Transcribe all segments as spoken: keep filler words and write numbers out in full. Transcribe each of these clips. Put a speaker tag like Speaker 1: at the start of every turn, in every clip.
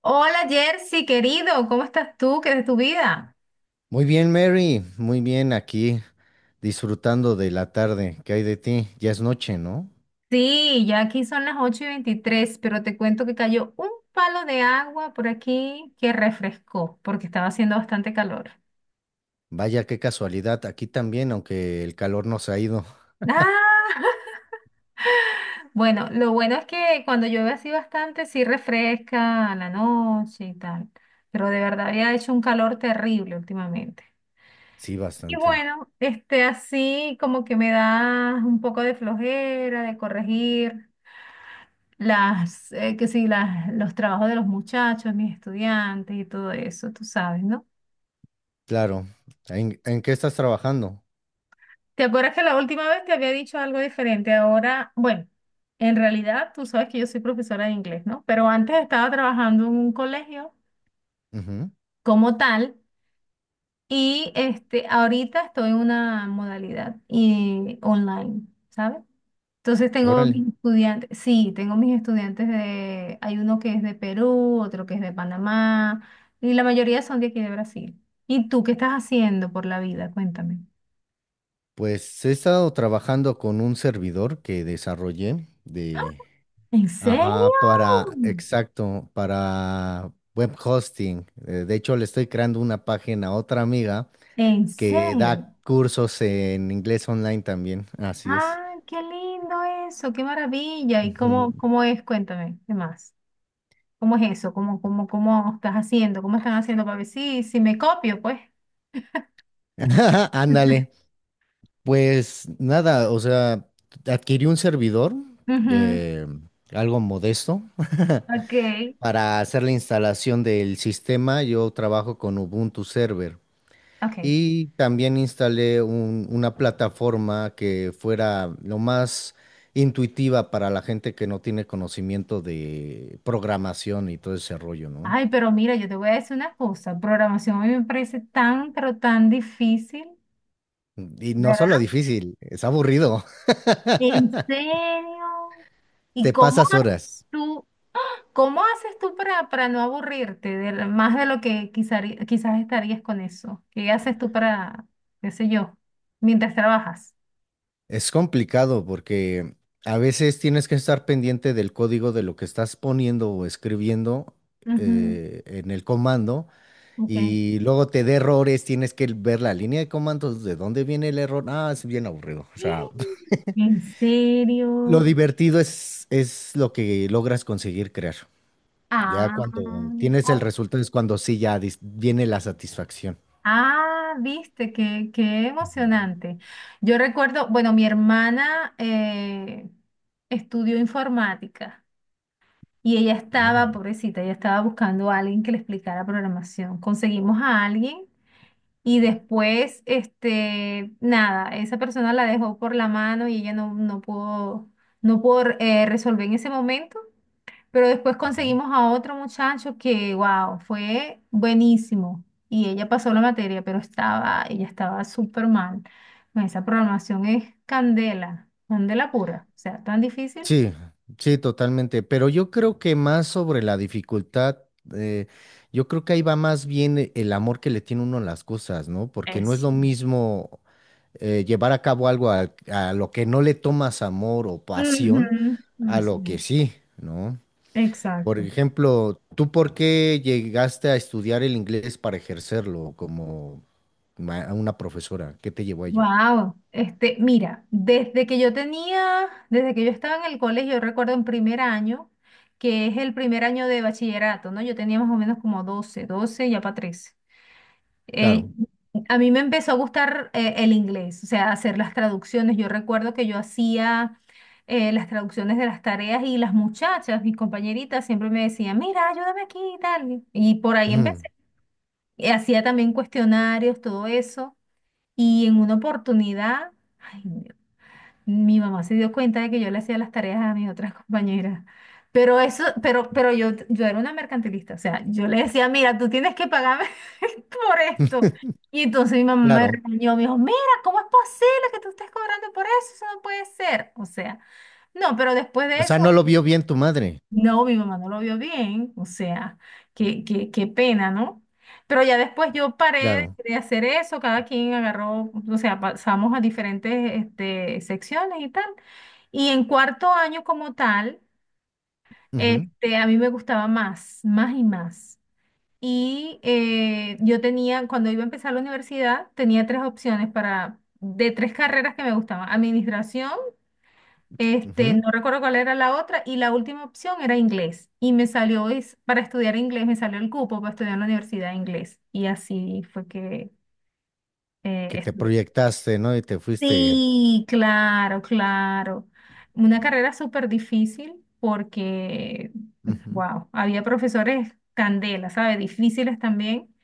Speaker 1: Hola Jersey, querido, ¿cómo estás tú? ¿Qué es de tu vida?
Speaker 2: Muy bien, Mary, muy bien aquí, disfrutando de la tarde. ¿Qué hay de ti? Ya es noche, ¿no?
Speaker 1: Sí, ya aquí son las ocho y veintitrés, pero te cuento que cayó un palo de agua por aquí que refrescó porque estaba haciendo bastante calor.
Speaker 2: Vaya, qué casualidad. Aquí también, aunque el calor nos ha ido.
Speaker 1: Ah, bueno, lo bueno es que cuando llueve así bastante, sí refresca a la noche y tal, pero de verdad había hecho un calor terrible últimamente.
Speaker 2: Sí,
Speaker 1: Y
Speaker 2: bastante.
Speaker 1: bueno, este así como que me da un poco de flojera de corregir las, eh, que sí, las, los trabajos de los muchachos, mis estudiantes y todo eso, tú sabes, ¿no?
Speaker 2: Claro. ¿En, en qué estás trabajando?
Speaker 1: ¿Te acuerdas que la última vez te había dicho algo diferente? Ahora, bueno, en realidad tú sabes que yo soy profesora de inglés, ¿no? Pero antes estaba trabajando en un colegio
Speaker 2: Ujú.
Speaker 1: como tal y este, ahorita estoy en una modalidad y online, ¿sabes? Entonces tengo
Speaker 2: Órale.
Speaker 1: mis estudiantes, sí, tengo mis estudiantes de, hay uno que es de Perú, otro que es de Panamá, y la mayoría son de aquí de Brasil. ¿Y tú qué estás haciendo por la vida? Cuéntame.
Speaker 2: Pues he estado trabajando con un servidor que desarrollé de...
Speaker 1: ¿En serio?
Speaker 2: Ajá, para, exacto, para web hosting. Eh, De hecho, le estoy creando una página a otra amiga
Speaker 1: ¿En
Speaker 2: que
Speaker 1: serio?
Speaker 2: da cursos en inglés online también, así es.
Speaker 1: ¡Ah, qué lindo eso! ¡Qué maravilla! ¿Y
Speaker 2: Ujú.
Speaker 1: cómo, cómo es? Cuéntame, ¿qué más? ¿Cómo es eso? ¿Cómo, cómo, cómo estás haciendo? ¿Cómo están haciendo para ver si, si, me copio, pues?
Speaker 2: Ándale, pues nada, o sea, adquirí un servidor
Speaker 1: Ujú.
Speaker 2: de algo modesto
Speaker 1: Ok,
Speaker 2: para hacer la instalación del sistema. Yo trabajo con Ubuntu Server
Speaker 1: ok.
Speaker 2: y también instalé un- una plataforma que fuera lo más intuitiva para la gente que no tiene conocimiento de programación y todo ese rollo, ¿no?
Speaker 1: Ay, pero mira, yo te voy a decir una cosa, programación a mí me parece tan, pero tan difícil,
Speaker 2: Y no solo
Speaker 1: ¿verdad?
Speaker 2: difícil, es aburrido.
Speaker 1: ¿En serio? ¿Y
Speaker 2: Te
Speaker 1: cómo
Speaker 2: pasas
Speaker 1: ha-
Speaker 2: horas.
Speaker 1: tú, cómo haces tú para, para, no aburrirte de la- más de lo que quizá- quizás estarías con eso? ¿Qué haces tú para, qué sé yo, mientras trabajas?
Speaker 2: Es complicado porque a veces tienes que estar pendiente del código de lo que estás poniendo o escribiendo
Speaker 1: Ujú,
Speaker 2: eh, en el comando
Speaker 1: ok.
Speaker 2: y luego te da errores, tienes que ver la línea de comandos, de dónde viene el error. Ah, es bien aburrido. O sea,
Speaker 1: ¿En
Speaker 2: lo
Speaker 1: serio?
Speaker 2: divertido es, es lo que logras conseguir crear. Ya
Speaker 1: Ah,
Speaker 2: cuando tienes el
Speaker 1: ok.
Speaker 2: resultado es cuando sí ya dis- viene la satisfacción.
Speaker 1: Ah, viste, qué, qué emocionante. Yo recuerdo, bueno, mi hermana eh, estudió informática y ella estaba,
Speaker 2: Órale.
Speaker 1: pobrecita, ella estaba buscando a alguien que le explicara programación. Conseguimos a alguien y después, este, nada, esa persona la dejó por la mano y ella no, no pudo, no pudo, eh, resolver en ese momento. Pero después
Speaker 2: Ujú.
Speaker 1: conseguimos a otro muchacho que, wow, fue buenísimo. Y ella pasó la materia, pero estaba, ella estaba súper mal. Bueno, Esa programación es candela, candela pura. O sea, tan difícil.
Speaker 2: Sí, sí, totalmente. Pero yo creo que más sobre la dificultad, eh, yo creo que ahí va más bien e- el amor que le tiene uno a las cosas, ¿no? Porque no es
Speaker 1: Eso.
Speaker 2: lo mismo eh, llevar a cabo algo al- a, lo que no le tomas amor o pasión
Speaker 1: Ujú. No
Speaker 2: a
Speaker 1: sé.
Speaker 2: lo que sí, ¿no? Por
Speaker 1: Exacto.
Speaker 2: ejemplo, ¿tú por qué llegaste a estudiar el inglés para ejercerlo como ma- una profesora? ¿Qué te llevó a ello?
Speaker 1: Wow. Este, mira, desde que yo tenía, desde que yo estaba en el colegio, yo recuerdo en primer año, que es el primer año de bachillerato, ¿no? Yo tenía más o menos como doce doce ya para trece. Eh,
Speaker 2: Claro.
Speaker 1: a mí me empezó a gustar eh, el inglés, o sea, hacer las traducciones. Yo recuerdo que yo hacía eh, las traducciones de las tareas y las muchachas, mis compañeritas, siempre me decían, mira, ayúdame aquí y tal. Y por ahí
Speaker 2: Ujú.
Speaker 1: empecé. Y hacía también cuestionarios, todo eso. Y en una oportunidad, mi mamá se dio cuenta de que yo le hacía las tareas a mis otras compañeras. Pero eso, pero, pero yo, yo, era una mercantilista. O sea, yo le decía, mira, tú tienes que pagarme por esto. Y entonces mi mamá me
Speaker 2: Claro.
Speaker 1: regañó, me dijo, mira, ¿cómo es posible que tú estés cobrando por eso? Eso no puede ser. O sea, no, pero después
Speaker 2: O
Speaker 1: de
Speaker 2: sea,
Speaker 1: eso,
Speaker 2: no lo vio bien tu madre.
Speaker 1: no, mi mamá no lo vio bien. O sea, qué, qué, qué pena, ¿no? Pero ya después yo paré
Speaker 2: Claro.
Speaker 1: de hacer eso, cada quien agarró, o sea, pasamos a diferentes este, secciones y tal. Y en cuarto año como tal,
Speaker 2: Ujú,
Speaker 1: este, a mí me gustaba más, más y más. Y eh, yo tenía, cuando iba a empezar la universidad, tenía tres opciones para, de tres carreras que me gustaban. Administración, este,
Speaker 2: ujú.
Speaker 1: no recuerdo cuál era la otra, y la última opción era inglés. Y me salió, es- para estudiar inglés, me salió el cupo para estudiar en la universidad de inglés. Y así fue que eh,
Speaker 2: Que te
Speaker 1: estudié.
Speaker 2: proyectaste, ¿no? Y te fuiste.
Speaker 1: Sí, claro, claro. Una carrera súper difícil porque,
Speaker 2: Ujú.
Speaker 1: wow, había profesores candela, ¿sabes? Difíciles también.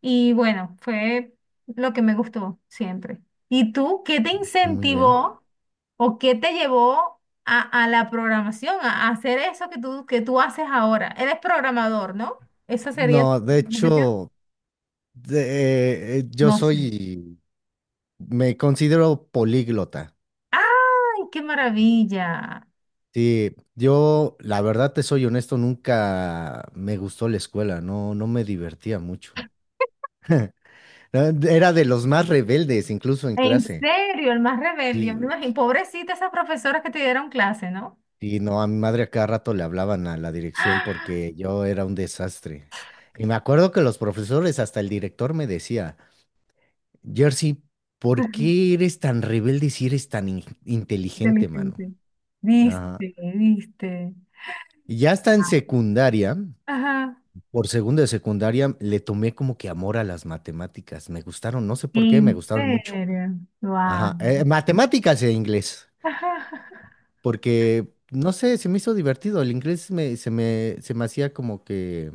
Speaker 1: Y bueno, fue lo que me gustó siempre. ¿Y tú qué te
Speaker 2: Muy bien.
Speaker 1: incentivó o qué te llevó a, a la programación, a, a hacer eso que tú, que tú haces ahora? Eres programador, ¿no? ¿Esa sería tu
Speaker 2: No, de
Speaker 1: profesión?
Speaker 2: hecho, de- eh, yo
Speaker 1: No sé.
Speaker 2: soy, me considero políglota.
Speaker 1: ¡Ay, qué maravilla!
Speaker 2: Sí, yo, la verdad te soy honesto, nunca me gustó la escuela, no, no me divertía mucho. Eh, Era de los más rebeldes, incluso en
Speaker 1: En
Speaker 2: clase.
Speaker 1: serio, el más rebelde, yo me
Speaker 2: Sí.
Speaker 1: imagino. Pobrecita esas profesoras que te dieron clase, ¿no?
Speaker 2: Y no, a mi madre a cada rato le hablaban a la dirección
Speaker 1: ¡Ah!
Speaker 2: porque yo era un desastre. Y me acuerdo que los profesores, hasta el director me decía, Jersey, ¿por qué eres tan rebelde si eres tan in- inteligente, mano?
Speaker 1: Inteligente.
Speaker 2: Ajá.
Speaker 1: Viste, viste.
Speaker 2: Y ya está en
Speaker 1: Ah.
Speaker 2: secundaria,
Speaker 1: Ajá.
Speaker 2: por segundo de secundaria, le tomé como que amor a las matemáticas. Me gustaron, no sé por qué, me
Speaker 1: En
Speaker 2: gustaron mucho.
Speaker 1: serio. Wow.
Speaker 2: Ajá, eh, matemáticas e inglés, porque, no sé, se me hizo divertido. El inglés me- se me, se me hacía como que,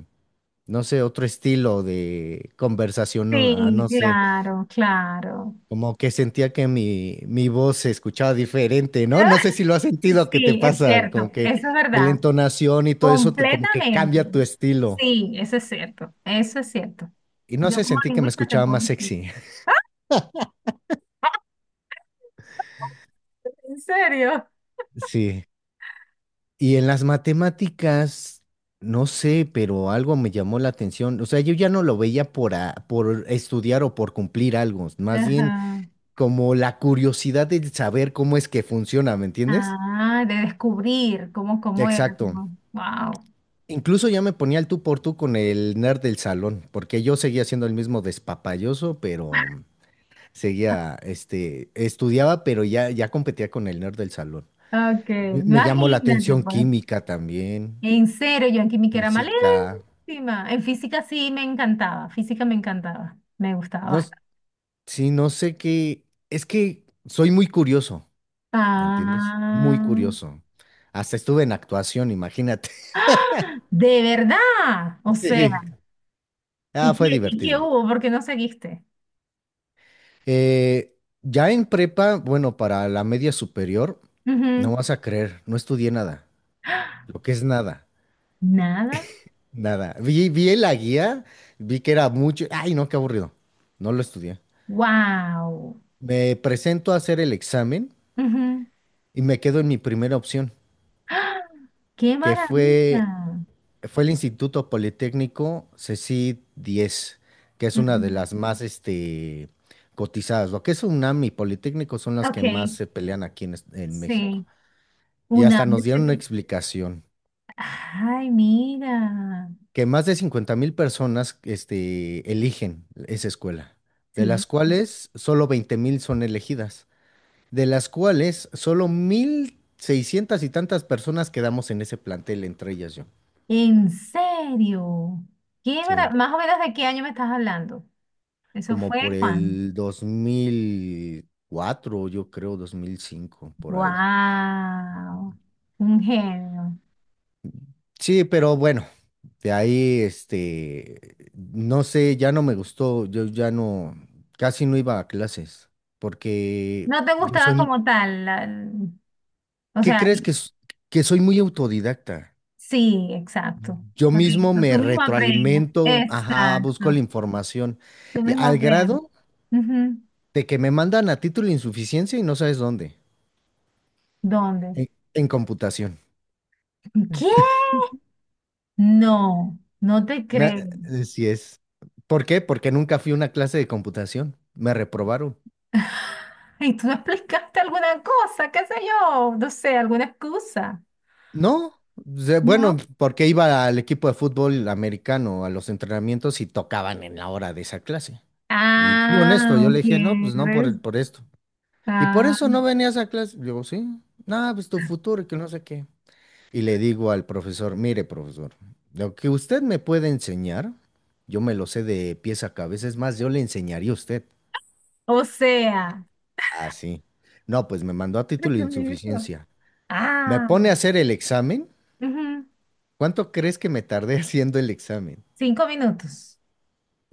Speaker 2: no sé, otro estilo de conversación, no, ah,
Speaker 1: Sí,
Speaker 2: no sé.
Speaker 1: claro, claro.
Speaker 2: Como que sentía que mi, mi voz se escuchaba diferente, ¿no? No sé si lo has sentido, ¿que te
Speaker 1: Sí, es
Speaker 2: pasa?
Speaker 1: cierto.
Speaker 2: Como que
Speaker 1: Eso es
Speaker 2: de la
Speaker 1: verdad.
Speaker 2: entonación y todo eso, te- como que
Speaker 1: Completamente.
Speaker 2: cambia tu estilo.
Speaker 1: Sí, eso es cierto. Eso es cierto.
Speaker 2: Y no
Speaker 1: Yo
Speaker 2: sé,
Speaker 1: como
Speaker 2: sentí que me
Speaker 1: lingüista te
Speaker 2: escuchaba
Speaker 1: puedo
Speaker 2: más
Speaker 1: decir.
Speaker 2: sexy.
Speaker 1: ¿En serio?
Speaker 2: Sí. Y en las matemáticas, no sé, pero algo me llamó la atención. O sea, yo ya no lo veía por, a- por estudiar o por cumplir algo, más bien
Speaker 1: Ajá.
Speaker 2: como la curiosidad de saber cómo es que funciona, ¿me entiendes?
Speaker 1: Ah, de descubrir cómo, cómo era,
Speaker 2: Exacto.
Speaker 1: como, wow.
Speaker 2: Incluso ya me ponía el tú por tú con el nerd del salón, porque yo seguía siendo el mismo despapalloso, pero seguía, este, estudiaba, pero ya, ya competía con el nerd del salón.
Speaker 1: Ok,
Speaker 2: Me, me llamó la
Speaker 1: imagínate,
Speaker 2: atención
Speaker 1: pues.
Speaker 2: química también,
Speaker 1: En serio, yo en química era
Speaker 2: física.
Speaker 1: malísima. En física sí me encantaba, física me encantaba, me gustaba
Speaker 2: No, s-
Speaker 1: bastante.
Speaker 2: sí, no sé qué. Es que soy muy curioso, ¿me entiendes? Muy
Speaker 1: Ah,
Speaker 2: curioso. Hasta estuve en actuación, imagínate.
Speaker 1: de verdad, o sea,
Speaker 2: Sí. Ah,
Speaker 1: ¿y
Speaker 2: fue
Speaker 1: qué, y qué
Speaker 2: divertido.
Speaker 1: hubo? ¿Por qué no seguiste?
Speaker 2: Eh, ya en prepa, bueno, para la media superior, no
Speaker 1: Ujú.
Speaker 2: vas a creer, no estudié nada. Lo que es nada,
Speaker 1: Nada,
Speaker 2: nada. Vi, vi la guía, vi que era mucho. Ay, no, qué aburrido. No lo estudié.
Speaker 1: wow.
Speaker 2: Me presento a hacer el examen y me quedo en mi primera opción,
Speaker 1: ¡Qué
Speaker 2: que
Speaker 1: maravilla!
Speaker 2: fue, fue el Instituto Politécnico C E C I D diez, que es una de
Speaker 1: Ujú.
Speaker 2: las más este, cotizadas. Lo que es UNAM y Politécnico son las
Speaker 1: Ok,
Speaker 2: que más se pelean aquí en, es- en México.
Speaker 1: sí.
Speaker 2: Y
Speaker 1: Un
Speaker 2: hasta
Speaker 1: año.
Speaker 2: nos dieron una
Speaker 1: seten-
Speaker 2: explicación,
Speaker 1: Ay, mira.
Speaker 2: que más de cincuenta mil personas este, eligen esa escuela, de
Speaker 1: Sí.
Speaker 2: las cuales solo veinte mil son elegidas, de las cuales solo mil seiscientas y tantas personas quedamos en ese plantel, entre ellas yo.
Speaker 1: ¿En serio? ¿Qué mara-
Speaker 2: Sí,
Speaker 1: más o menos de qué año me estás hablando? Eso
Speaker 2: como
Speaker 1: fue
Speaker 2: por
Speaker 1: Juan.
Speaker 2: el dos mil cuatro yo creo, dos mil cinco por ahí.
Speaker 1: Wow. Un genio.
Speaker 2: Sí, pero bueno, de ahí, este, no sé, ya no me gustó, yo ya no, casi no iba a clases, porque
Speaker 1: No te
Speaker 2: yo
Speaker 1: gustaba
Speaker 2: soy,
Speaker 1: como tal. La, o
Speaker 2: ¿qué
Speaker 1: sea,
Speaker 2: crees que, s- que soy muy autodidacta?
Speaker 1: sí, exacto.
Speaker 2: Yo mismo
Speaker 1: Correcto. Tú
Speaker 2: me
Speaker 1: mismo aprendes.
Speaker 2: retroalimento, ajá, busco
Speaker 1: Exacto.
Speaker 2: la información,
Speaker 1: Tú
Speaker 2: y
Speaker 1: mismo
Speaker 2: al
Speaker 1: aprendes.
Speaker 2: grado
Speaker 1: Ujú.
Speaker 2: de que me mandan a título de insuficiencia y no sabes dónde,
Speaker 1: ¿Dónde?
Speaker 2: en, en computación.
Speaker 1: ¿Qué? No, no te
Speaker 2: Me-
Speaker 1: creo.
Speaker 2: así es. ¿Por qué? Porque nunca fui a una clase de computación, me reprobaron.
Speaker 1: ¿Y tú no explicaste alguna cosa? ¿Qué sé yo? No sé, alguna excusa.
Speaker 2: No, de-
Speaker 1: ¿No?
Speaker 2: bueno, porque iba al equipo de fútbol americano a los entrenamientos y tocaban en la hora de esa clase. Y, y honesto, yo
Speaker 1: Ah,
Speaker 2: le dije, no, pues no por
Speaker 1: quieres.
Speaker 2: el, por esto. Y por
Speaker 1: Ah,
Speaker 2: eso no venía a esa clase. Digo, sí, nada, pues tu futuro y que no sé qué. Y le digo al profesor, mire, profesor, lo que usted me puede enseñar, yo me lo sé de pies a cabeza, es más, yo le enseñaría a usted.
Speaker 1: o sea,
Speaker 2: Ah, sí. No, pues me mandó a
Speaker 1: tres
Speaker 2: título de
Speaker 1: minutos.
Speaker 2: insuficiencia. Me
Speaker 1: Ah,
Speaker 2: pone a hacer el examen.
Speaker 1: ujú,
Speaker 2: ¿Cuánto crees que me tardé haciendo el examen?
Speaker 1: cinco minutos.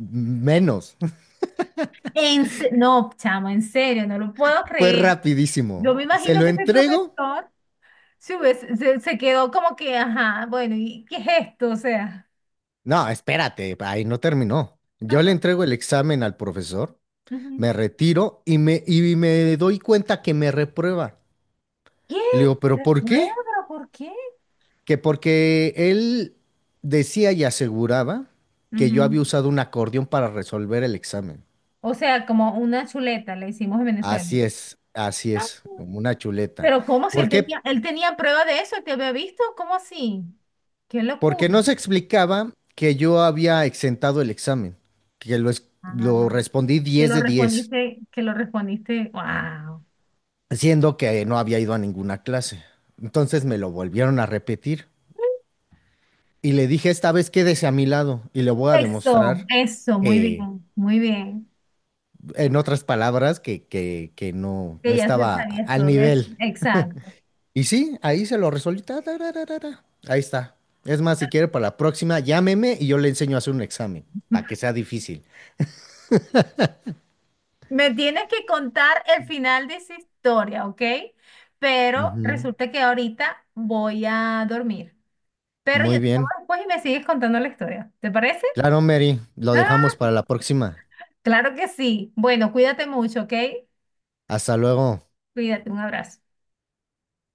Speaker 2: Menos.
Speaker 1: En se- no, chamo, en serio, no lo puedo
Speaker 2: Fue
Speaker 1: creer. Yo
Speaker 2: rapidísimo.
Speaker 1: me
Speaker 2: ¿Se
Speaker 1: imagino
Speaker 2: lo
Speaker 1: que ese
Speaker 2: entrego?
Speaker 1: profesor se, hubiese- se, se quedó como que, ajá, bueno, ¿y qué es esto? O sea,
Speaker 2: No, espérate, ahí no terminó. Yo le
Speaker 1: ajá,
Speaker 2: entrego el examen al profesor,
Speaker 1: ujú.
Speaker 2: me retiro y me, y me doy cuenta que me reprueba.
Speaker 1: ¿Qué?
Speaker 2: Y le digo, ¿pero por
Speaker 1: Recuerdo,
Speaker 2: qué?
Speaker 1: ¿pero por qué?
Speaker 2: Que porque él decía y aseguraba que yo había
Speaker 1: Ujú.
Speaker 2: usado un acordeón para resolver el examen.
Speaker 1: O sea, como una chuleta le hicimos en Venezuela.
Speaker 2: Así es, así
Speaker 1: Ah.
Speaker 2: es, como una chuleta.
Speaker 1: Pero ¿cómo si
Speaker 2: ¿Por
Speaker 1: él
Speaker 2: qué?
Speaker 1: tenía, él tenía prueba de eso, él te había visto? ¿Cómo así? ¡Qué
Speaker 2: Porque
Speaker 1: locura!
Speaker 2: no se explicaba que yo había exentado el examen, que lo, es- lo
Speaker 1: Ah,
Speaker 2: respondí
Speaker 1: que
Speaker 2: diez
Speaker 1: lo
Speaker 2: de diez,
Speaker 1: respondiste, que lo respondiste, wow.
Speaker 2: siendo que no había ido a ninguna clase. Entonces me lo volvieron a repetir y le dije, esta vez quédese a mi lado y le voy a
Speaker 1: Eso,
Speaker 2: demostrar
Speaker 1: eso, muy
Speaker 2: que,
Speaker 1: bien, muy bien.
Speaker 2: en otras palabras, que, que, que no,
Speaker 1: Que
Speaker 2: no
Speaker 1: ya se
Speaker 2: estaba
Speaker 1: sabía
Speaker 2: al
Speaker 1: todo eso.
Speaker 2: nivel.
Speaker 1: Exacto.
Speaker 2: Y sí, ahí se lo resolví. Ta, ta, ra, ra, ra, ra. Ahí está. Es más, si quiere para la próxima, llámeme y yo le enseño a hacer un examen, para que sea difícil.
Speaker 1: Me tienes que contar el final de esa historia, ¿ok? Pero
Speaker 2: Ujú.
Speaker 1: resulta que ahorita voy a dormir. Pero yo
Speaker 2: Muy
Speaker 1: te llamo
Speaker 2: bien.
Speaker 1: después y me sigues contando la historia. ¿Te parece?
Speaker 2: Claro, Mary, lo
Speaker 1: Ah,
Speaker 2: dejamos para la próxima.
Speaker 1: claro que sí. Bueno, cuídate mucho, ¿ok?
Speaker 2: Hasta luego.
Speaker 1: Cuídate, un abrazo.